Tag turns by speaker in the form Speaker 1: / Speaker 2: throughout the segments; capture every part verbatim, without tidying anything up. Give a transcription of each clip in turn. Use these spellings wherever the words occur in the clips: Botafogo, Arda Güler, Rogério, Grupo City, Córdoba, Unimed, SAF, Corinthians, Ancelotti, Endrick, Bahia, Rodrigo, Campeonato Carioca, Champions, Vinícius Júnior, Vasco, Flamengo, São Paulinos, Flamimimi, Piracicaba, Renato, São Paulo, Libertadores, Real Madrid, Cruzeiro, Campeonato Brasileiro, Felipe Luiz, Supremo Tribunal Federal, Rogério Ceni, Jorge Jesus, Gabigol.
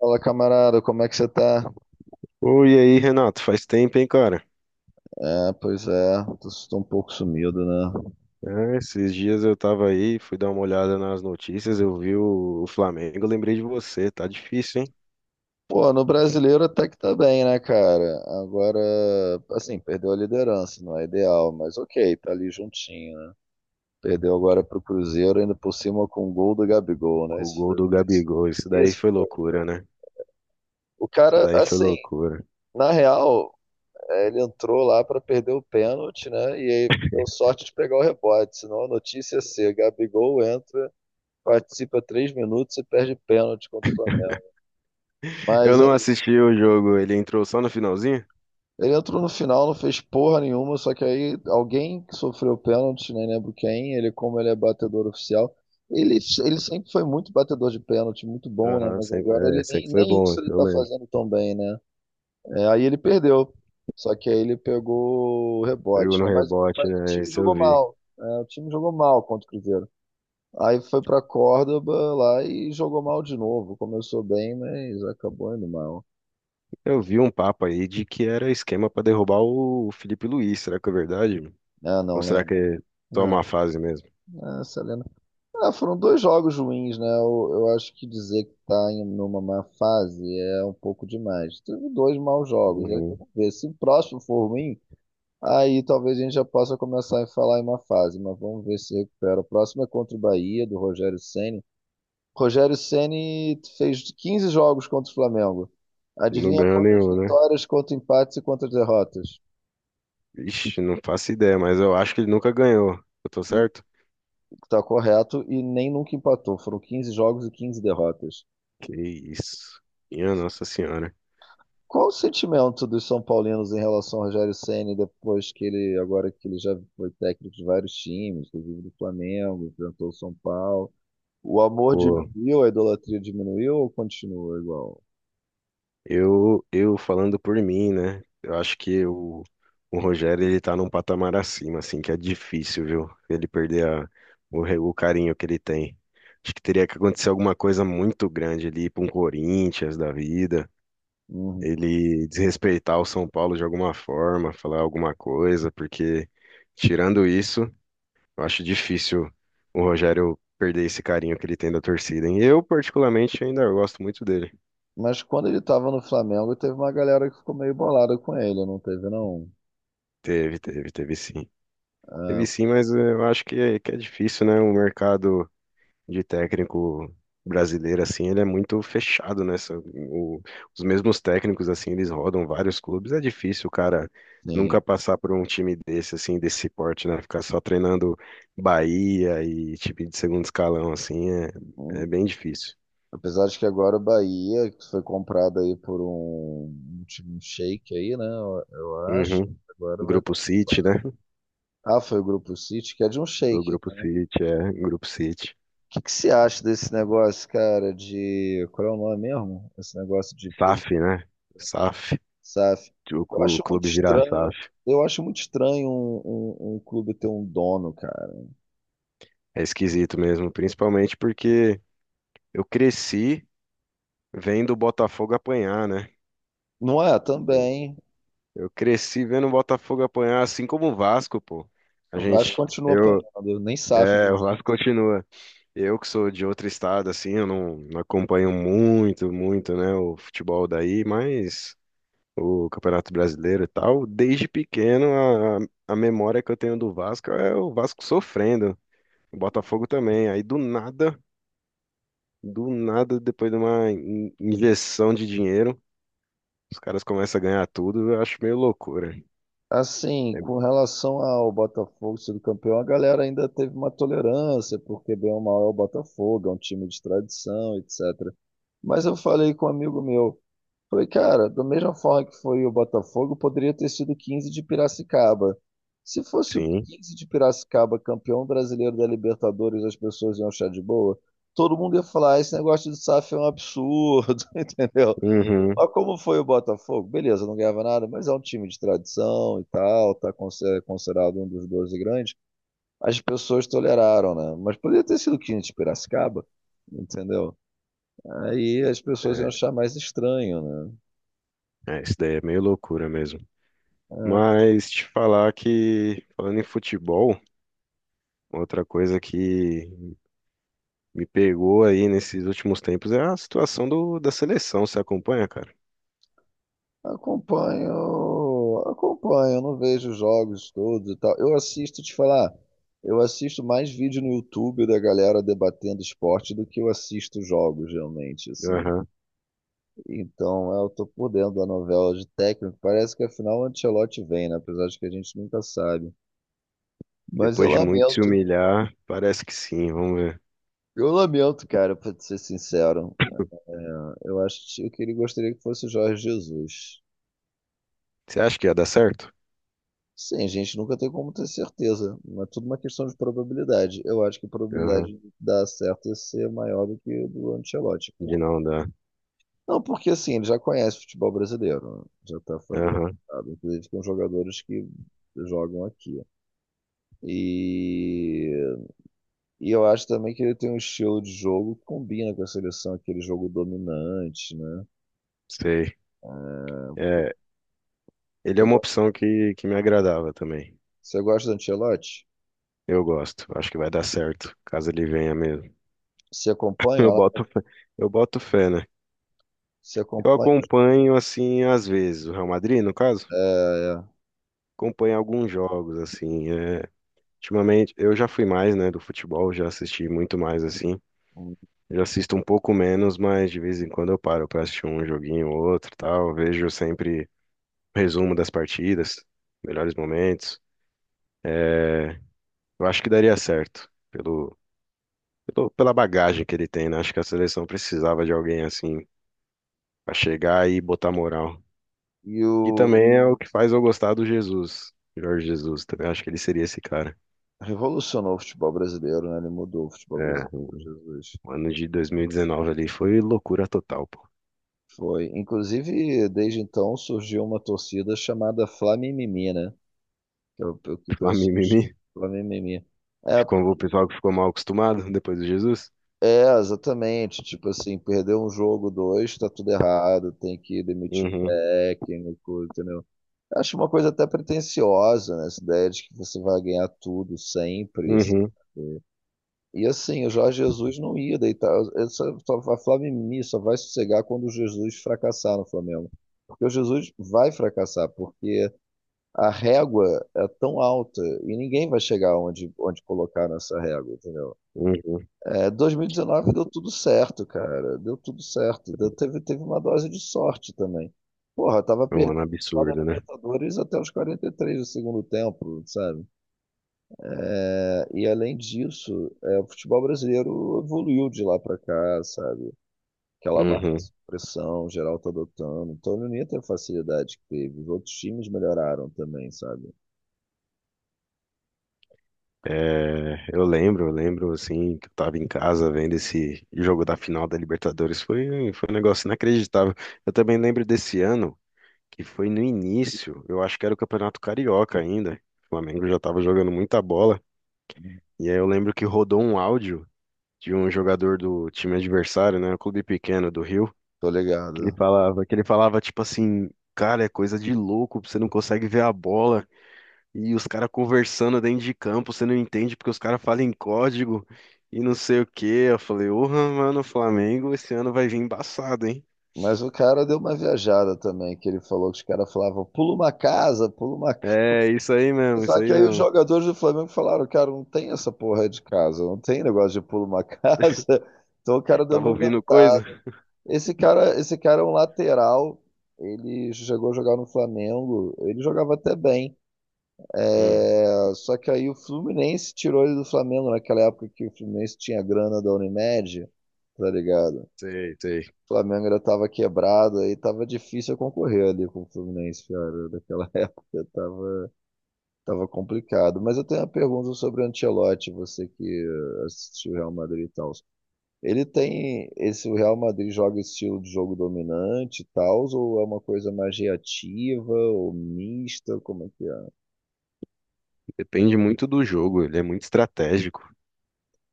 Speaker 1: Fala, camarada, como é que você tá?
Speaker 2: Oi, e aí, Renato? Faz tempo, hein, cara?
Speaker 1: É, pois é, tô, tô um pouco sumido, né?
Speaker 2: É, esses dias eu tava aí, fui dar uma olhada nas notícias, eu vi o, o Flamengo, lembrei de você, tá difícil, hein?
Speaker 1: Pô, no brasileiro até que tá bem, né, cara? Agora, assim, perdeu a liderança, não é ideal, mas ok, tá ali juntinho, né? Perdeu agora pro Cruzeiro, ainda por cima com o gol do Gabigol, né?
Speaker 2: Com o
Speaker 1: Isso
Speaker 2: gol
Speaker 1: foi
Speaker 2: do
Speaker 1: isso.
Speaker 2: Gabigol, isso daí
Speaker 1: Isso.
Speaker 2: foi loucura, né?
Speaker 1: O
Speaker 2: Isso
Speaker 1: cara,
Speaker 2: daí foi
Speaker 1: assim,
Speaker 2: loucura.
Speaker 1: na real, é, ele entrou lá pra perder o pênalti, né? E aí deu sorte de pegar o rebote, senão a notícia é ser, Gabigol entra, participa três minutos e perde pênalti contra o Flamengo.
Speaker 2: Eu
Speaker 1: Mas
Speaker 2: não
Speaker 1: aí,
Speaker 2: assisti o jogo, ele entrou só no finalzinho?
Speaker 1: ele entrou no final, não fez porra nenhuma, só que aí alguém que sofreu pênalti, nem lembro quem, ele, como ele é batedor oficial, ele, ele sempre foi muito batedor de pênalti, muito bom, né?
Speaker 2: Aham,
Speaker 1: Mas
Speaker 2: sempre,
Speaker 1: agora
Speaker 2: é,
Speaker 1: ele nem,
Speaker 2: sempre foi
Speaker 1: nem
Speaker 2: bom,
Speaker 1: isso ele
Speaker 2: eu
Speaker 1: tá
Speaker 2: lembro.
Speaker 1: fazendo tão bem, né? É, aí ele perdeu. Só que aí ele pegou o
Speaker 2: Pegou
Speaker 1: rebote,
Speaker 2: no
Speaker 1: né? Mas,
Speaker 2: rebote,
Speaker 1: mas o
Speaker 2: né?
Speaker 1: time
Speaker 2: Isso eu
Speaker 1: jogou
Speaker 2: vi.
Speaker 1: mal, né? O time jogou mal contra o Cruzeiro. Aí foi pra Córdoba lá e jogou mal de novo. Começou bem, mas acabou indo mal.
Speaker 2: Eu vi um papo aí de que era esquema pra derrubar o Felipe Luiz, será que é verdade?
Speaker 1: Ah,
Speaker 2: Ou
Speaker 1: não
Speaker 2: será
Speaker 1: lembro.
Speaker 2: que é só
Speaker 1: Não,
Speaker 2: uma fase mesmo?
Speaker 1: é, essa... Ah, foram dois jogos ruins, né? Eu, eu acho que dizer que tá em numa má fase é um pouco demais. Teve dois maus jogos, aí
Speaker 2: Uhum.
Speaker 1: vamos ver. Se o próximo for ruim, aí talvez a gente já possa começar a falar em má fase, mas vamos ver se recupera. O próximo é contra o Bahia, do Rogério Ceni. Rogério Ceni fez quinze jogos contra o Flamengo.
Speaker 2: Não
Speaker 1: Adivinha
Speaker 2: ganhou
Speaker 1: quantas
Speaker 2: nenhum, né?
Speaker 1: vitórias, quantos empates e quantas derrotas?
Speaker 2: Ixi, não faço ideia, mas eu acho que ele nunca ganhou. Eu tô certo?
Speaker 1: Tá correto, e nem nunca empatou. Foram quinze jogos e quinze derrotas.
Speaker 2: Que isso. Minha Nossa Senhora.
Speaker 1: Qual o sentimento dos São Paulinos em relação ao Rogério Ceni depois que ele, agora que ele já foi técnico de vários times, inclusive do Flamengo, enfrentou o São Paulo? O amor
Speaker 2: Pô,
Speaker 1: diminuiu, a idolatria diminuiu ou continua igual?
Speaker 2: eu, eu falando por mim, né? Eu acho que o, o Rogério, ele tá num patamar acima, assim, que é difícil, viu? Ele perder a- o, re- o carinho que ele tem. Acho que teria que acontecer alguma coisa muito grande ali pra um Corinthians da vida.
Speaker 1: Uhum.
Speaker 2: Ele desrespeitar o São Paulo de alguma forma, falar alguma coisa, porque tirando isso. Eu acho difícil o Rogério perder esse carinho que ele tem da torcida. E eu, particularmente, ainda gosto muito dele.
Speaker 1: Mas quando ele estava no Flamengo, teve uma galera que ficou meio bolada com ele, não teve não.
Speaker 2: Teve, teve, teve sim. Teve
Speaker 1: Ah,
Speaker 2: sim, mas eh, eu acho que é, que é difícil, né? O mercado de técnico brasileiro, assim, ele é muito fechado, né? São- o- os mesmos técnicos, assim, eles rodam vários clubes. É difícil, o cara,
Speaker 1: sim.
Speaker 2: nunca passar por um time desse, assim, desse porte, né? Ficar só treinando Bahia e time de segundo escalão, assim, é, é
Speaker 1: Uhum.
Speaker 2: bem difícil.
Speaker 1: Apesar de que agora o Bahia, que foi comprado aí por um, um time um shake aí, né? Eu, eu acho.
Speaker 2: Uhum.
Speaker 1: Agora vai dar.
Speaker 2: Grupo City, né?
Speaker 1: Ah, foi o Grupo City, que é de um
Speaker 2: O
Speaker 1: shake,
Speaker 2: Grupo
Speaker 1: né?
Speaker 2: City, é, Grupo City.
Speaker 1: que que você acha desse negócio, cara, de... Qual é o nome mesmo? Esse negócio de pro-
Speaker 2: S A F, né? S A F.
Speaker 1: sáfi.
Speaker 2: O
Speaker 1: Eu
Speaker 2: clu- o
Speaker 1: acho muito
Speaker 2: clube virar
Speaker 1: estranho,
Speaker 2: S A F.
Speaker 1: eu acho muito estranho um, um- um clube ter um dono, cara.
Speaker 2: É esquisito mesmo, principalmente porque eu cresci vendo o Botafogo apanhar, né?
Speaker 1: Não é?
Speaker 2: Sim.
Speaker 1: Também.
Speaker 2: Eu cresci vendo o Botafogo apanhar, assim como o Vasco, pô. A
Speaker 1: O Vasco
Speaker 2: gente,
Speaker 1: continua
Speaker 2: eu,
Speaker 1: apanhando, nem sáfi
Speaker 2: é,
Speaker 1: deu
Speaker 2: o
Speaker 1: jeito.
Speaker 2: Vasco continua. Eu que sou de outro estado, assim, eu não, não acompanho muito, muito, né, o futebol daí, mas o Campeonato Brasileiro e tal, desde pequeno a, a memória que eu tenho do Vasco é o Vasco sofrendo, o Botafogo também. Aí do nada, do nada, depois de uma in- injeção de dinheiro, os caras começam a ganhar tudo, eu acho meio loucura.
Speaker 1: Assim,
Speaker 2: É,
Speaker 1: com relação ao Botafogo sendo campeão, a galera ainda teve uma tolerância, porque bem ou mal é o Botafogo, é um time de tradição, etcétera. Mas eu falei com um amigo meu, falei, cara, da mesma forma que foi o Botafogo, poderia ter sido Quinze de Piracicaba. Se fosse o
Speaker 2: sim,
Speaker 1: Quinze de Piracicaba campeão brasileiro da Libertadores, as pessoas iam achar de boa. Todo mundo ia falar, "Ah, esse negócio de sáfi é um absurdo", entendeu?
Speaker 2: uhum,
Speaker 1: Mas como foi o Botafogo? Beleza, não ganhava nada, mas é um time de tradição e tal, tá conse- é considerado um dos doze grandes. As pessoas toleraram, né? Mas poderia ter sido Quinze de Piracicaba, entendeu? Aí as pessoas iam
Speaker 2: é,
Speaker 1: achar mais estranho, né?
Speaker 2: é, isso daí é meio loucura mesmo. Mas te falar que, falando em futebol, outra coisa que me pegou aí nesses últimos tempos é a situação do, da seleção, você acompanha, cara?
Speaker 1: Acompanho, acompanho, não vejo jogos todos e tal. Eu assisto, te falar, eu assisto mais vídeo no YouTube da galera debatendo esporte do que eu assisto jogos, realmente, assim. Então, eu tô por dentro da novela de técnico. Parece que afinal o Ancelotti vem, né? Apesar de que a gente nunca sabe. Mas eu
Speaker 2: Depois de muito se
Speaker 1: lamento,
Speaker 2: humilhar, parece que sim, vamos ver.
Speaker 1: eu lamento, cara, pra te ser sincero. É, eu acho que eu queria, gostaria que fosse o Jorge Jesus.
Speaker 2: Você acha que ia dar certo?
Speaker 1: Sim, a gente nunca tem como ter certeza, mas tudo uma questão de probabilidade. Eu acho que a
Speaker 2: Aham,
Speaker 1: probabilidade de dar certo ia ser maior do que do Ancelotti.
Speaker 2: de
Speaker 1: Por-
Speaker 2: não dar.
Speaker 1: não, porque assim, ele já conhece o futebol brasileiro, né? Já está
Speaker 2: Aham,
Speaker 1: familiarizado, inclusive com jogadores que jogam aqui. E, e eu acho também que ele tem um estilo de jogo que combina com a seleção, aquele jogo dominante, né?
Speaker 2: sei. É, ele é
Speaker 1: Você
Speaker 2: uma
Speaker 1: gosta,
Speaker 2: opção que, que me agradava também.
Speaker 1: você gosta do Ancelotti?
Speaker 2: Eu gosto, acho que vai dar certo, caso ele venha mesmo.
Speaker 1: Você acompanha
Speaker 2: Eu
Speaker 1: lá?
Speaker 2: boto, fé- eu boto fé, né?
Speaker 1: Você
Speaker 2: Eu
Speaker 1: acompanha?
Speaker 2: acompanho, assim, às vezes, o Real Madrid, no caso,
Speaker 1: É,
Speaker 2: acompanho alguns jogos, assim, é, ultimamente, eu já fui mais, né, do futebol, já assisti muito mais, assim,
Speaker 1: é.
Speaker 2: eu assisto um pouco menos, mas de vez em quando eu paro pra assistir um joguinho ou outro, tal. Vejo sempre resumo das partidas, melhores momentos. É, eu acho que daria certo pelo, pelo- pela bagagem que ele tem, né? Acho que a seleção precisava de alguém assim pra chegar e botar moral.
Speaker 1: E
Speaker 2: E
Speaker 1: o
Speaker 2: também é o que faz eu gostar do Jesus, Jorge Jesus. Também acho que ele seria esse cara.
Speaker 1: revolucionou o futebol brasileiro, né? Ele mudou o futebol
Speaker 2: É,
Speaker 1: brasileiro, Jesus.
Speaker 2: o ano de dois mil e dezenove ali foi loucura total, pô.
Speaker 1: Foi. Inclusive, desde então surgiu uma torcida chamada Flamimimi, né? Que é o o que o
Speaker 2: Lá
Speaker 1: pessoal chama.
Speaker 2: mimimi.
Speaker 1: Flamimimi. É, por-
Speaker 2: Ficou o pessoal que ficou mal acostumado depois do Jesus.
Speaker 1: é, exatamente. Tipo assim, perdeu um jogo, dois, tá tudo errado, tem que demitir o
Speaker 2: Uhum.
Speaker 1: técnico, entendeu? Eu acho uma coisa até pretensiosa, né? Essa ideia de que você vai ganhar tudo sempre.
Speaker 2: Uhum.
Speaker 1: E assim, o Jorge Jesus não ia deitar. Essa, só- a Flamini só vai sossegar quando o Jesus fracassar no Flamengo. Porque o Jesus vai fracassar, porque a régua é tão alta e ninguém vai chegar onde, onde colocar nessa régua, entendeu?
Speaker 2: Uhum.
Speaker 1: É, dois mil e dezenove deu tudo certo, cara. Deu tudo certo. Deu- teve, teve uma dose de sorte também. Porra, tava
Speaker 2: É um ano
Speaker 1: perdendo o final da
Speaker 2: absurdo, né?
Speaker 1: Libertadores até os quarenta e três do segundo tempo, sabe? É, e além disso, é, o futebol brasileiro evoluiu de lá para cá, sabe? Aquela marca
Speaker 2: Uhum.
Speaker 1: de pressão geral tá adotando. Então ele não ia ter a facilidade que teve. Os outros times melhoraram também, sabe?
Speaker 2: É, eu lembro, eu lembro assim, que eu tava em casa vendo esse jogo da final da Libertadores. Foi, foi um negócio inacreditável. Eu também lembro desse ano, que foi no início, eu acho que era o Campeonato Carioca ainda. O Flamengo já tava jogando muita bola. E aí eu lembro que rodou um áudio de um jogador do time adversário, né? Um clube pequeno do Rio,
Speaker 1: Tô
Speaker 2: que ele
Speaker 1: ligado.
Speaker 2: falava, que ele falava tipo assim, cara, é coisa de louco, você não consegue ver a bola. E os caras conversando dentro de campo, você não entende porque os caras falam em código e não sei o quê. Eu falei, porra, mano, o Flamengo esse ano vai vir embaçado, hein?
Speaker 1: Mas o cara deu uma viajada também, que ele falou que os caras falavam, pula uma casa, pula uma casa.
Speaker 2: É, isso aí mesmo, isso
Speaker 1: Só que
Speaker 2: aí
Speaker 1: aí os
Speaker 2: mesmo.
Speaker 1: jogadores do Flamengo falaram, cara, não tem essa porra de casa, não tem negócio de pula uma casa. Então o cara deu
Speaker 2: Tava
Speaker 1: uma
Speaker 2: ouvindo
Speaker 1: inventada.
Speaker 2: coisa?
Speaker 1: Esse cara, esse cara é um lateral. Ele chegou a jogar no Flamengo. Ele jogava até bem.
Speaker 2: Hum,
Speaker 1: É, só que aí o Fluminense tirou ele do Flamengo naquela época que o Fluminense tinha grana da Unimed, tá ligado?
Speaker 2: sei, sei.
Speaker 1: O Flamengo ainda tava quebrado, aí tava difícil eu concorrer ali com o Fluminense, cara. Naquela época tava, tava complicado. Mas eu tenho uma pergunta sobre o Ancelotti, você que eh, assistiu o Real Madrid e tal. Ele tem esse o Real Madrid joga estilo de jogo dominante e tal, ou é uma coisa mais reativa ou mista, como é que é?
Speaker 2: Depende muito do jogo, ele é muito estratégico.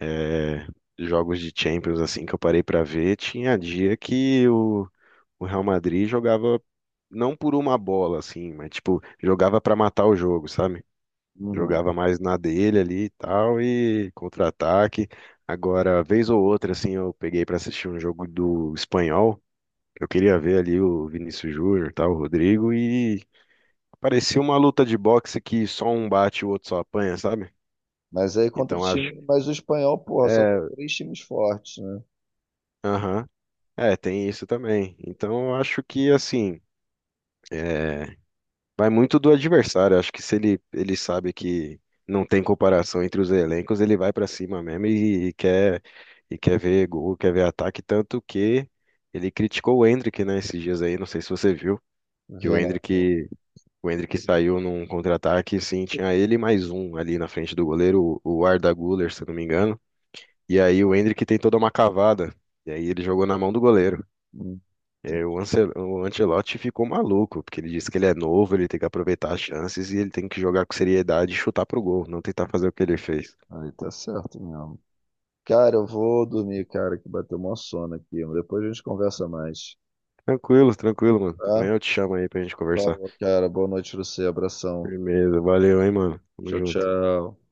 Speaker 2: É, jogos de Champions, assim, que eu parei pra ver, tinha dia que o, o Real Madrid jogava não por uma bola, assim, mas, tipo, jogava pra matar o jogo, sabe?
Speaker 1: Uhum.
Speaker 2: Jogava mais na dele ali e tal, e contra-ataque. Agora, vez ou outra, assim, eu peguei pra assistir um jogo do espanhol. Eu queria ver ali o Vinícius Júnior, tal, o Rodrigo, e parecia uma luta de boxe que só um bate e o outro só apanha, sabe?
Speaker 1: Mas aí contra o
Speaker 2: Então acho.
Speaker 1: time, mas o espanhol, porra, só tem
Speaker 2: É,
Speaker 1: três times fortes, né?
Speaker 2: aham. É, tem isso também. Então eu acho que, assim, é, vai muito do adversário. Acho que se ele, ele sabe que não tem comparação entre os elencos, ele vai pra cima mesmo e, e quer e quer ver gol, quer ver ataque, tanto que ele criticou o Endrick, né, esses dias aí, não sei se você viu, que o
Speaker 1: Vendo.
Speaker 2: Endrick, o Endrick saiu num contra-ataque, sim, tinha ele e mais um ali na frente do goleiro, o o Arda Güler, se eu não me engano. E aí o Endrick tem toda uma cavada, e aí ele jogou na mão do goleiro.
Speaker 1: Hum,
Speaker 2: É,
Speaker 1: tem-
Speaker 2: o Ancel- o Ancelotti ficou maluco, porque ele disse que ele é novo, ele tem que aproveitar as chances e ele tem que jogar com seriedade e chutar pro gol, não tentar fazer o que ele fez.
Speaker 1: aí tá certo mesmo. Cara, eu vou dormir, cara, que bateu uma sono aqui. Depois a gente conversa mais.
Speaker 2: Tranquilo, tranquilo, mano.
Speaker 1: Tá?
Speaker 2: Amanhã eu te chamo aí pra gente conversar.
Speaker 1: Falou, cara. Boa noite pra você. Abração.
Speaker 2: Firmeza, valeu, hein, mano. Tamo
Speaker 1: Tchau,
Speaker 2: junto.
Speaker 1: tchau.